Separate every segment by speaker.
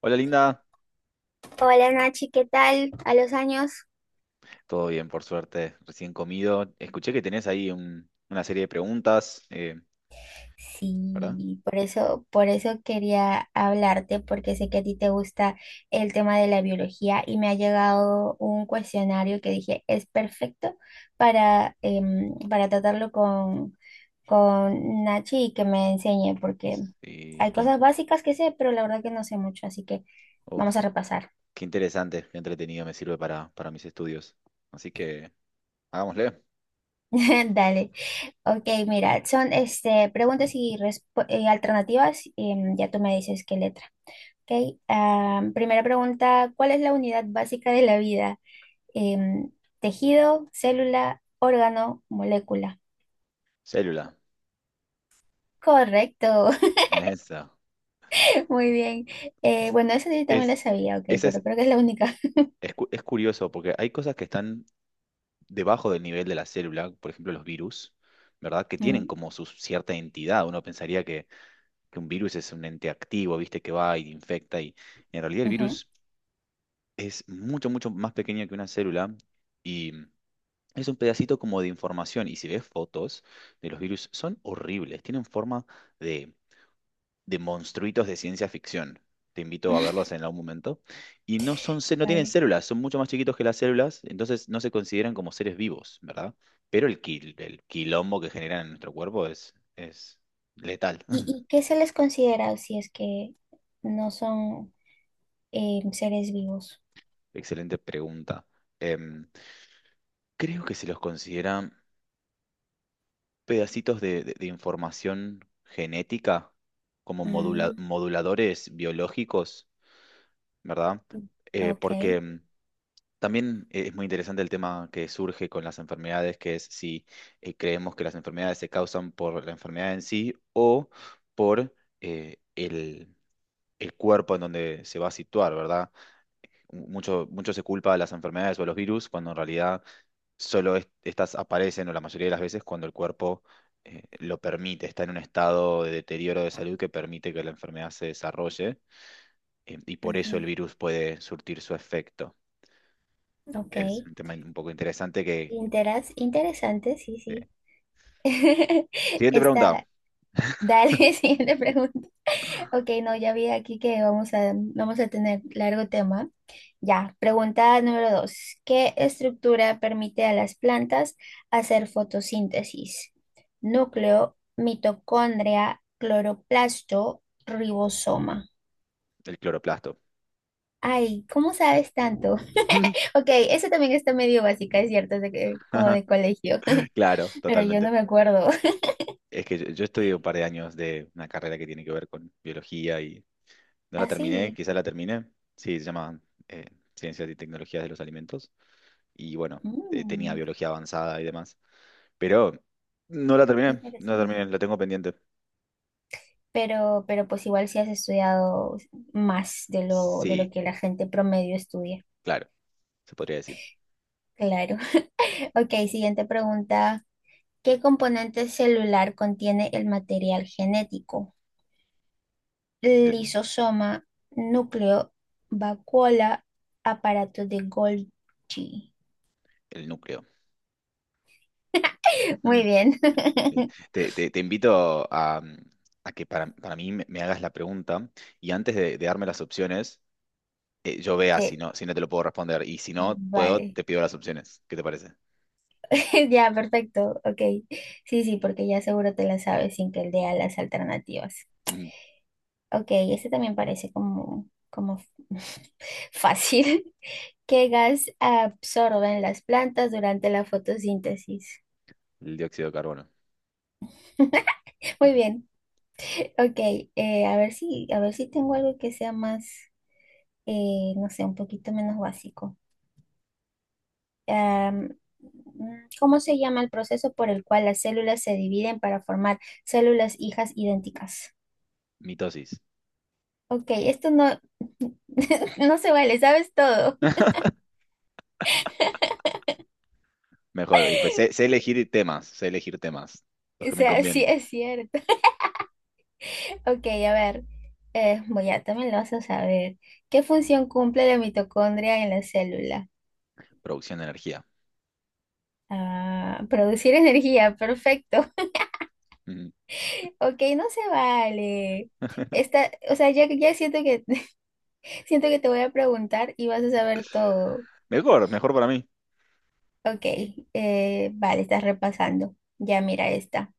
Speaker 1: Hola Linda,
Speaker 2: Hola Nachi, ¿qué tal? A los años.
Speaker 1: todo bien por suerte, recién comido. Escuché que tenés ahí una serie de preguntas, ¿verdad?
Speaker 2: Sí, por eso quería hablarte, porque sé que a ti te gusta el tema de la biología y me ha llegado un cuestionario que dije es perfecto para, para tratarlo con Nachi y que me enseñe, porque
Speaker 1: Y
Speaker 2: hay
Speaker 1: qué,
Speaker 2: cosas básicas que sé, pero la verdad que no sé mucho, así que vamos
Speaker 1: uf,
Speaker 2: a repasar.
Speaker 1: qué interesante, qué entretenido me sirve para mis estudios. Así que hagámosle.
Speaker 2: Dale. Ok, mira, son este, preguntas y alternativas. Y, ya tú me dices qué letra. Ok, primera pregunta, ¿cuál es la unidad básica de la vida? Em, tejido, célula, órgano, molécula.
Speaker 1: Célula,
Speaker 2: Correcto,
Speaker 1: esa.
Speaker 2: muy bien. Bueno, esa yo también la
Speaker 1: Es,
Speaker 2: sabía, ok,
Speaker 1: esa es,
Speaker 2: pero creo que es la única.
Speaker 1: es curioso porque hay cosas que están debajo del nivel de la célula, por ejemplo los virus, ¿verdad? Que tienen
Speaker 2: Mm,
Speaker 1: como su cierta entidad. Que un virus es un ente activo, ¿viste? Que va y infecta y en realidad el
Speaker 2: ujú.
Speaker 1: virus es mucho, mucho más pequeña que una célula y es un pedacito como de información. Y si ves fotos de los virus, son horribles, tienen forma de, de monstruitos de ciencia ficción. Te invito a verlos en algún momento. Y no son, no tienen
Speaker 2: Vale.
Speaker 1: células, son mucho más chiquitos que las células, entonces no se consideran como seres vivos, ¿verdad? Pero el quilombo que generan en nuestro cuerpo es letal.
Speaker 2: Y qué se les considera si es que no son seres vivos?
Speaker 1: Excelente pregunta. Em, Creo que se los considera pedacitos de información genética como
Speaker 2: Mm,
Speaker 1: moduladores biológicos, ¿verdad? Porque
Speaker 2: ok.
Speaker 1: también es muy interesante el tema que surge con las enfermedades, que es si creemos que las enfermedades se causan por la enfermedad en sí o por eh, el, el cuerpo en donde se va a situar, ¿verdad? Mucho, mucho se culpa a las enfermedades o a los virus cuando en realidad solo estas aparecen, o la mayoría de las veces, cuando el cuerpo lo permite, está en un estado de deterioro de salud que permite que la enfermedad se desarrolle, y por eso el
Speaker 2: Ujú,
Speaker 1: virus puede surtir su efecto.
Speaker 2: ok.
Speaker 1: Es un tema un poco interesante que...
Speaker 2: Interesante, sí,
Speaker 1: eh.
Speaker 2: sí.
Speaker 1: Siguiente pregunta,
Speaker 2: Está, dale, siguiente pregunta. Ok, no, ya vi aquí que vamos a tener largo tema. Ya, pregunta número dos. ¿Qué estructura permite a las plantas hacer fotosíntesis? Núcleo, mitocondria, cloroplasto, ribosoma.
Speaker 1: el cloroplasto.
Speaker 2: Ay, ¿cómo sabes tanto? Ok, eso también está medio básica, es cierto, como de colegio,
Speaker 1: Claro,
Speaker 2: pero yo no
Speaker 1: totalmente.
Speaker 2: me acuerdo.
Speaker 1: Es que yo estudié un par de años de una carrera que tiene que ver con biología y no la terminé,
Speaker 2: Así.
Speaker 1: quizás la terminé. Sí, se llama eh, Ciencias y Tecnologías de los Alimentos. Y bueno, tenía
Speaker 2: Mm,
Speaker 1: biología avanzada y demás. Pero no la
Speaker 2: qué
Speaker 1: terminé, no la terminé,
Speaker 2: interesante.
Speaker 1: la tengo pendiente.
Speaker 2: Pero pues igual si has estudiado más de lo, de
Speaker 1: Sí,
Speaker 2: lo que la gente promedio estudia.
Speaker 1: claro, se podría decir.
Speaker 2: Claro. Ok, siguiente pregunta. ¿Qué componente celular contiene el material genético?
Speaker 1: El,
Speaker 2: Lisosoma, núcleo, vacuola, aparato de Golgi.
Speaker 1: el núcleo.
Speaker 2: Muy
Speaker 1: Mm,
Speaker 2: bien.
Speaker 1: bien. Te invito a que para mí me hagas la pregunta y antes de darme las opciones, yo vea
Speaker 2: Te-
Speaker 1: si no te lo puedo responder. Y si no puedo,
Speaker 2: Vale.
Speaker 1: te pido las opciones. ¿Qué te parece?
Speaker 2: Ya, perfecto. Ok. Sí, sí, porque ya seguro te la sabes sin que lea las alternativas.
Speaker 1: Mm,
Speaker 2: Ok, este también parece como, como fácil. ¿Qué gas absorben las plantas durante la fotosíntesis?
Speaker 1: el dióxido de carbono.
Speaker 2: Muy
Speaker 1: Ujú.
Speaker 2: bien. Ok, a ver si tengo algo que sea más, no sé, un poquito menos básico. ¿Cómo se llama el proceso por el cual las células se dividen para formar células hijas idénticas?
Speaker 1: Mitosis.
Speaker 2: Ok, esto no, no se vale, sabes todo.
Speaker 1: Mejor. Y pues sé, sé elegir temas, los
Speaker 2: O
Speaker 1: que me
Speaker 2: sea, sí
Speaker 1: convienen.
Speaker 2: es cierto. Ok, a ver, voy a, también lo vas a saber. ¿Qué función cumple la mitocondria en la célula?
Speaker 1: Producción de energía.
Speaker 2: Ah, producir energía, perfecto.
Speaker 1: Ujú.
Speaker 2: Ok, no se vale. Esta, o sea, ya, ya siento que, siento que te voy a preguntar y vas a saber todo.
Speaker 1: Mejor, mejor para mí.
Speaker 2: Ok, vale, estás repasando. Ya mira esta.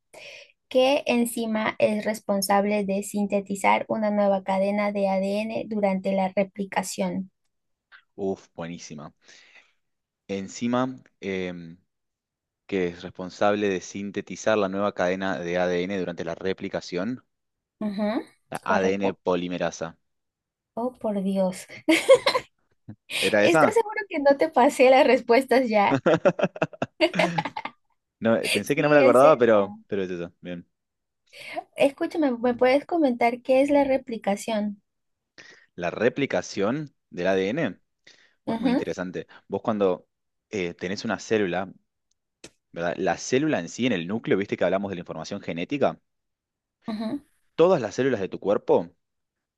Speaker 2: ¿Qué enzima es responsable de sintetizar una nueva cadena de ADN durante la replicación?
Speaker 1: Uf, buenísima. Enzima que es responsable de sintetizar la nueva cadena de ADN durante la replicación,
Speaker 2: Ujú,
Speaker 1: la ADN
Speaker 2: correcto.
Speaker 1: polimerasa.
Speaker 2: Oh, por Dios.
Speaker 1: ¿Era
Speaker 2: ¿Estás
Speaker 1: esa?
Speaker 2: seguro que no te pasé las respuestas ya?
Speaker 1: No, pensé que no me la
Speaker 2: Sí, es
Speaker 1: acordaba,
Speaker 2: esa.
Speaker 1: pero es eso. Bien.
Speaker 2: Escúchame, ¿me puedes comentar qué es la replicación?
Speaker 1: La replicación del ADN, pues muy
Speaker 2: Ujú,
Speaker 1: interesante. Vos cuando tenés una célula, ¿verdad? La célula en sí, en el núcleo, viste que hablamos de la información genética,
Speaker 2: ujú.
Speaker 1: todas las células de tu cuerpo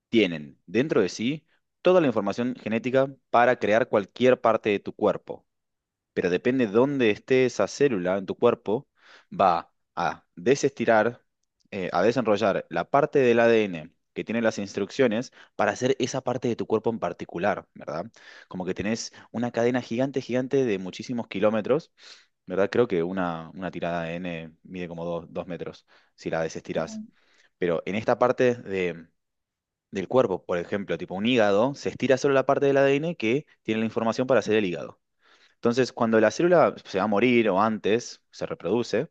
Speaker 1: tienen dentro de sí toda la información genética para crear cualquier parte de tu cuerpo. Pero depende dónde esté esa célula en tu cuerpo, va a desestirar, a desenrollar la parte del ADN que tiene las instrucciones para hacer esa parte de tu cuerpo en particular, ¿verdad? Como que tenés una cadena gigante, gigante de muchísimos kilómetros, ¿verdad? Creo que una tirada de ADN mide como dos metros si la desestirás.
Speaker 2: Mm.
Speaker 1: Pero en esta del cuerpo, por ejemplo, tipo un hígado, se estira solo la parte del ADN que tiene la información para hacer el hígado. Entonces, cuando la célula se va a morir o antes, se reproduce,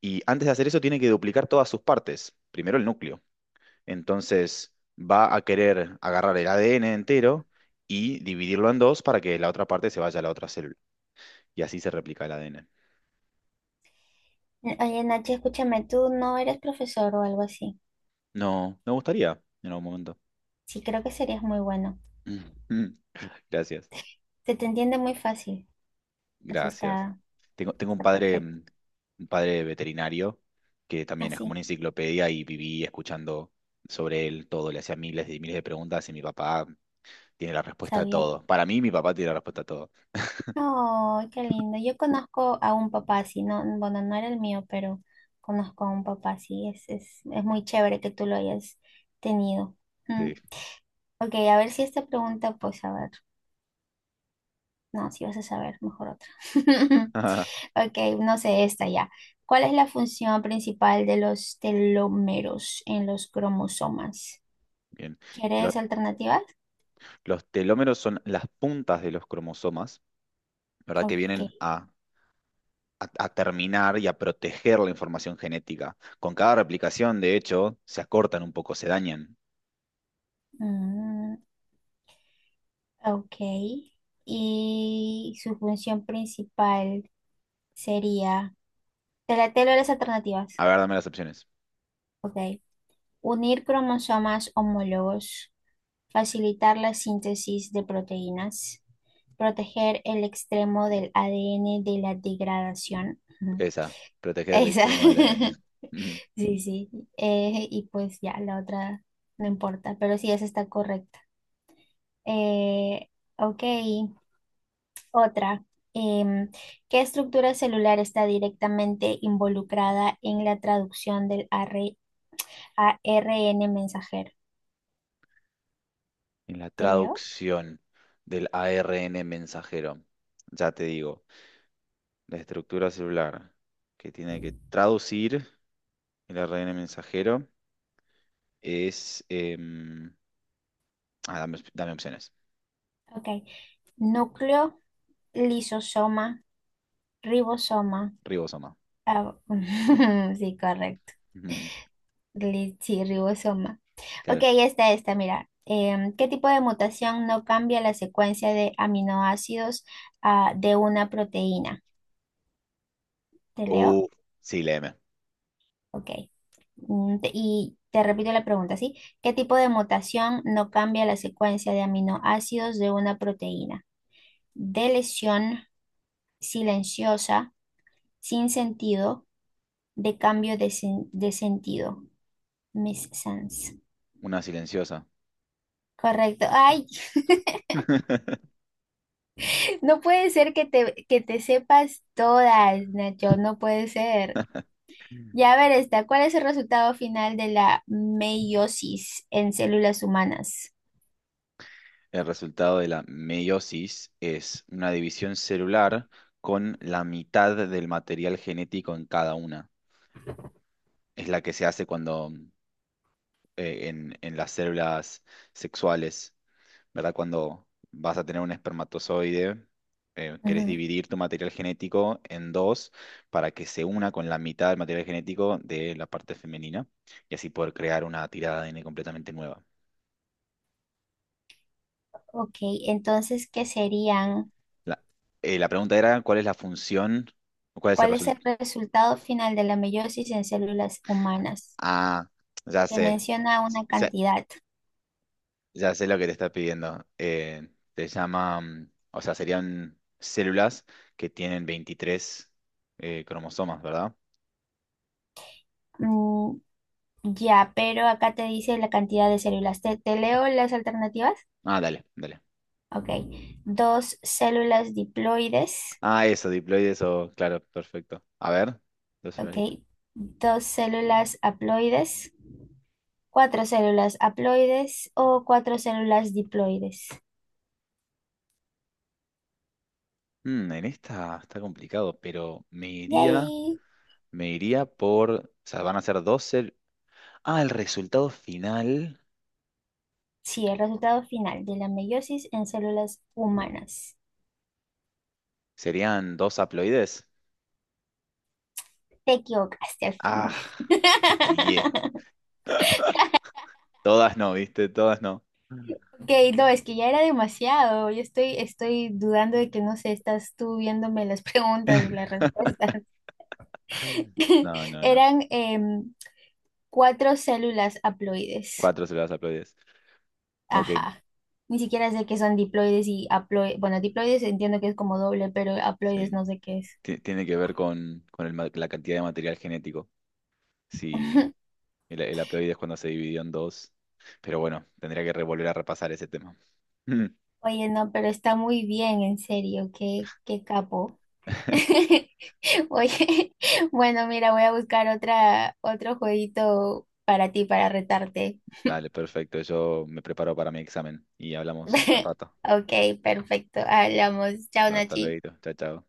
Speaker 1: y antes de hacer eso tiene que duplicar todas sus partes, primero el núcleo. Entonces, va a querer agarrar el ADN entero y dividirlo en dos para que la otra parte se vaya a la otra célula. Y así se replica el ADN.
Speaker 2: Oye, Nachi, escúchame, tú no eres profesor o algo así.
Speaker 1: No, me gustaría en algún momento.
Speaker 2: Sí, creo que serías muy bueno.
Speaker 1: Mm, Gracias,
Speaker 2: Se te entiende muy fácil. Eso
Speaker 1: gracias.
Speaker 2: está,
Speaker 1: Tengo un
Speaker 2: está
Speaker 1: padre,
Speaker 2: perfecto.
Speaker 1: un padre veterinario que también es como una
Speaker 2: Así,
Speaker 1: enciclopedia y viví escuchando sobre él todo, le hacía miles y miles de preguntas y mi papá tiene la respuesta a
Speaker 2: sabía.
Speaker 1: todo. Para mí, mi papá tiene la respuesta a todo.
Speaker 2: Oh, qué lindo. Yo conozco a un papá así, no, bueno, no era el mío, pero conozco a un papá así. Es muy chévere que tú lo hayas tenido. Mm.
Speaker 1: Sí.
Speaker 2: Ok, a ver si esta pregunta, pues a ver, no, si vas a saber, mejor otra. Ok, no sé, esta ya. ¿Cuál es la función principal de los telómeros en los cromosomas?
Speaker 1: Bien. Los,
Speaker 2: ¿Quieres alternativas?
Speaker 1: los telómeros son las puntas de los cromosomas, ¿verdad? Que vienen
Speaker 2: Ok.
Speaker 1: a terminar y a proteger la información genética. Con cada replicación, de hecho, se acortan un poco, se dañan.
Speaker 2: Mm, ok. Y su función principal sería, te leo las alternativas.
Speaker 1: A ver, dame las opciones.
Speaker 2: Ok. Unir cromosomas homólogos, facilitar la síntesis de proteínas, proteger el extremo del ADN de la degradación. Ujú.
Speaker 1: Esa, proteger el
Speaker 2: Esa.
Speaker 1: extremo del ADN. Ujú.
Speaker 2: Sí, sí. Y pues ya, la otra no importa, pero sí, esa está correcta. Eh, ok, otra. Em, ¿Qué estructura celular está directamente involucrada en la traducción del AR ARN mensajero?
Speaker 1: En la
Speaker 2: ¿Te leo?
Speaker 1: traducción del ARN mensajero, ya te digo, la estructura celular que tiene que traducir el ARN mensajero. Es. Em, ah, dame, op- Dame opciones.
Speaker 2: Ok. Núcleo, lisosoma, ribosoma.
Speaker 1: Ribosoma.
Speaker 2: Ah, sí, correcto.
Speaker 1: Ujú,
Speaker 2: Sí, ribosoma. Ok,
Speaker 1: claro.
Speaker 2: mira. ¿Qué tipo de mutación no cambia la secuencia de aminoácidos de una proteína? ¿Te leo?
Speaker 1: Oh, sí, la M.
Speaker 2: Ok. Mm, y te repito la pregunta, ¿sí? ¿Qué tipo de mutación no cambia la secuencia de aminoácidos de una proteína? De lesión, silenciosa, sin sentido, de cambio de, de sentido. Miss Sans.
Speaker 1: Una silenciosa.
Speaker 2: Correcto. Ay, no puede ser que te sepas todas, Nacho, no puede ser. Ya a ver esta, ¿cuál es el resultado final de la meiosis en células humanas?
Speaker 1: El resultado de la meiosis es una división celular con la mitad del material genético en cada una. Es la que se hace cuando en las células sexuales ¿verdad? Cuando vas a tener un espermatozoide, querés
Speaker 2: Ujú.
Speaker 1: dividir tu material genético en dos para que se una con la mitad del material genético de la parte femenina y así poder crear una tirada de ADN completamente nueva.
Speaker 2: Ok, entonces, ¿qué serían?
Speaker 1: La, la pregunta era, ¿cuál es la función? ¿Cuál es el
Speaker 2: ¿Cuál es el
Speaker 1: resultado?
Speaker 2: resultado final de la meiosis en células humanas?
Speaker 1: Ah, ya
Speaker 2: Te
Speaker 1: sé.
Speaker 2: menciona una
Speaker 1: Ya,
Speaker 2: cantidad.
Speaker 1: ya sé lo que te está pidiendo. Te llama, o sea, serían células que tienen 23 cromosomas, ¿verdad?
Speaker 2: Mm, ya, pero acá te dice la cantidad de células. ¿Te, te leo las alternativas?
Speaker 1: Ah, dale, dale.
Speaker 2: Ok. Dos células diploides.
Speaker 1: Ah, eso, diploides o... Claro, perfecto. A ver. Dos células
Speaker 2: Ok. Dos células haploides. Cuatro células haploides o cuatro células diploides.
Speaker 1: mm, en esta está complicado, pero
Speaker 2: Yay.
Speaker 1: me iría por... O sea, van a ser Ah, el resultado final
Speaker 2: Sí, el resultado final de la meiosis en células humanas.
Speaker 1: serían dos haploides.
Speaker 2: Te equivocaste al fin.
Speaker 1: Ah, yeah. Todas no, ¿viste? Todas no.
Speaker 2: Ok, no, es que ya era demasiado. Yo estoy, estoy dudando de que, no sé, estás tú viéndome las preguntas, las respuestas.
Speaker 1: No, no, no.
Speaker 2: Eran cuatro células haploides.
Speaker 1: Cuatro células haploides. Ok,
Speaker 2: Ajá. Ni siquiera sé qué son diploides y haploides. Bueno, diploides entiendo que es como doble, pero haploides
Speaker 1: sí.
Speaker 2: no sé qué es.
Speaker 1: Tiene que ver con el la cantidad de material genético. Si, El haploide es cuando se dividió en dos. Pero bueno, tendría que revolver a repasar ese tema. Mm.
Speaker 2: Oye, no, pero está muy bien, en serio, qué, qué capo. Oye, bueno, mira, voy a buscar otra, otro jueguito para ti, para retarte.
Speaker 1: Dale, perfecto. Yo me preparo para mi examen y hablamos al rato.
Speaker 2: Ok, perfecto. Hablamos. Chao,
Speaker 1: Hasta
Speaker 2: Nachi.
Speaker 1: luego. Chao, chao.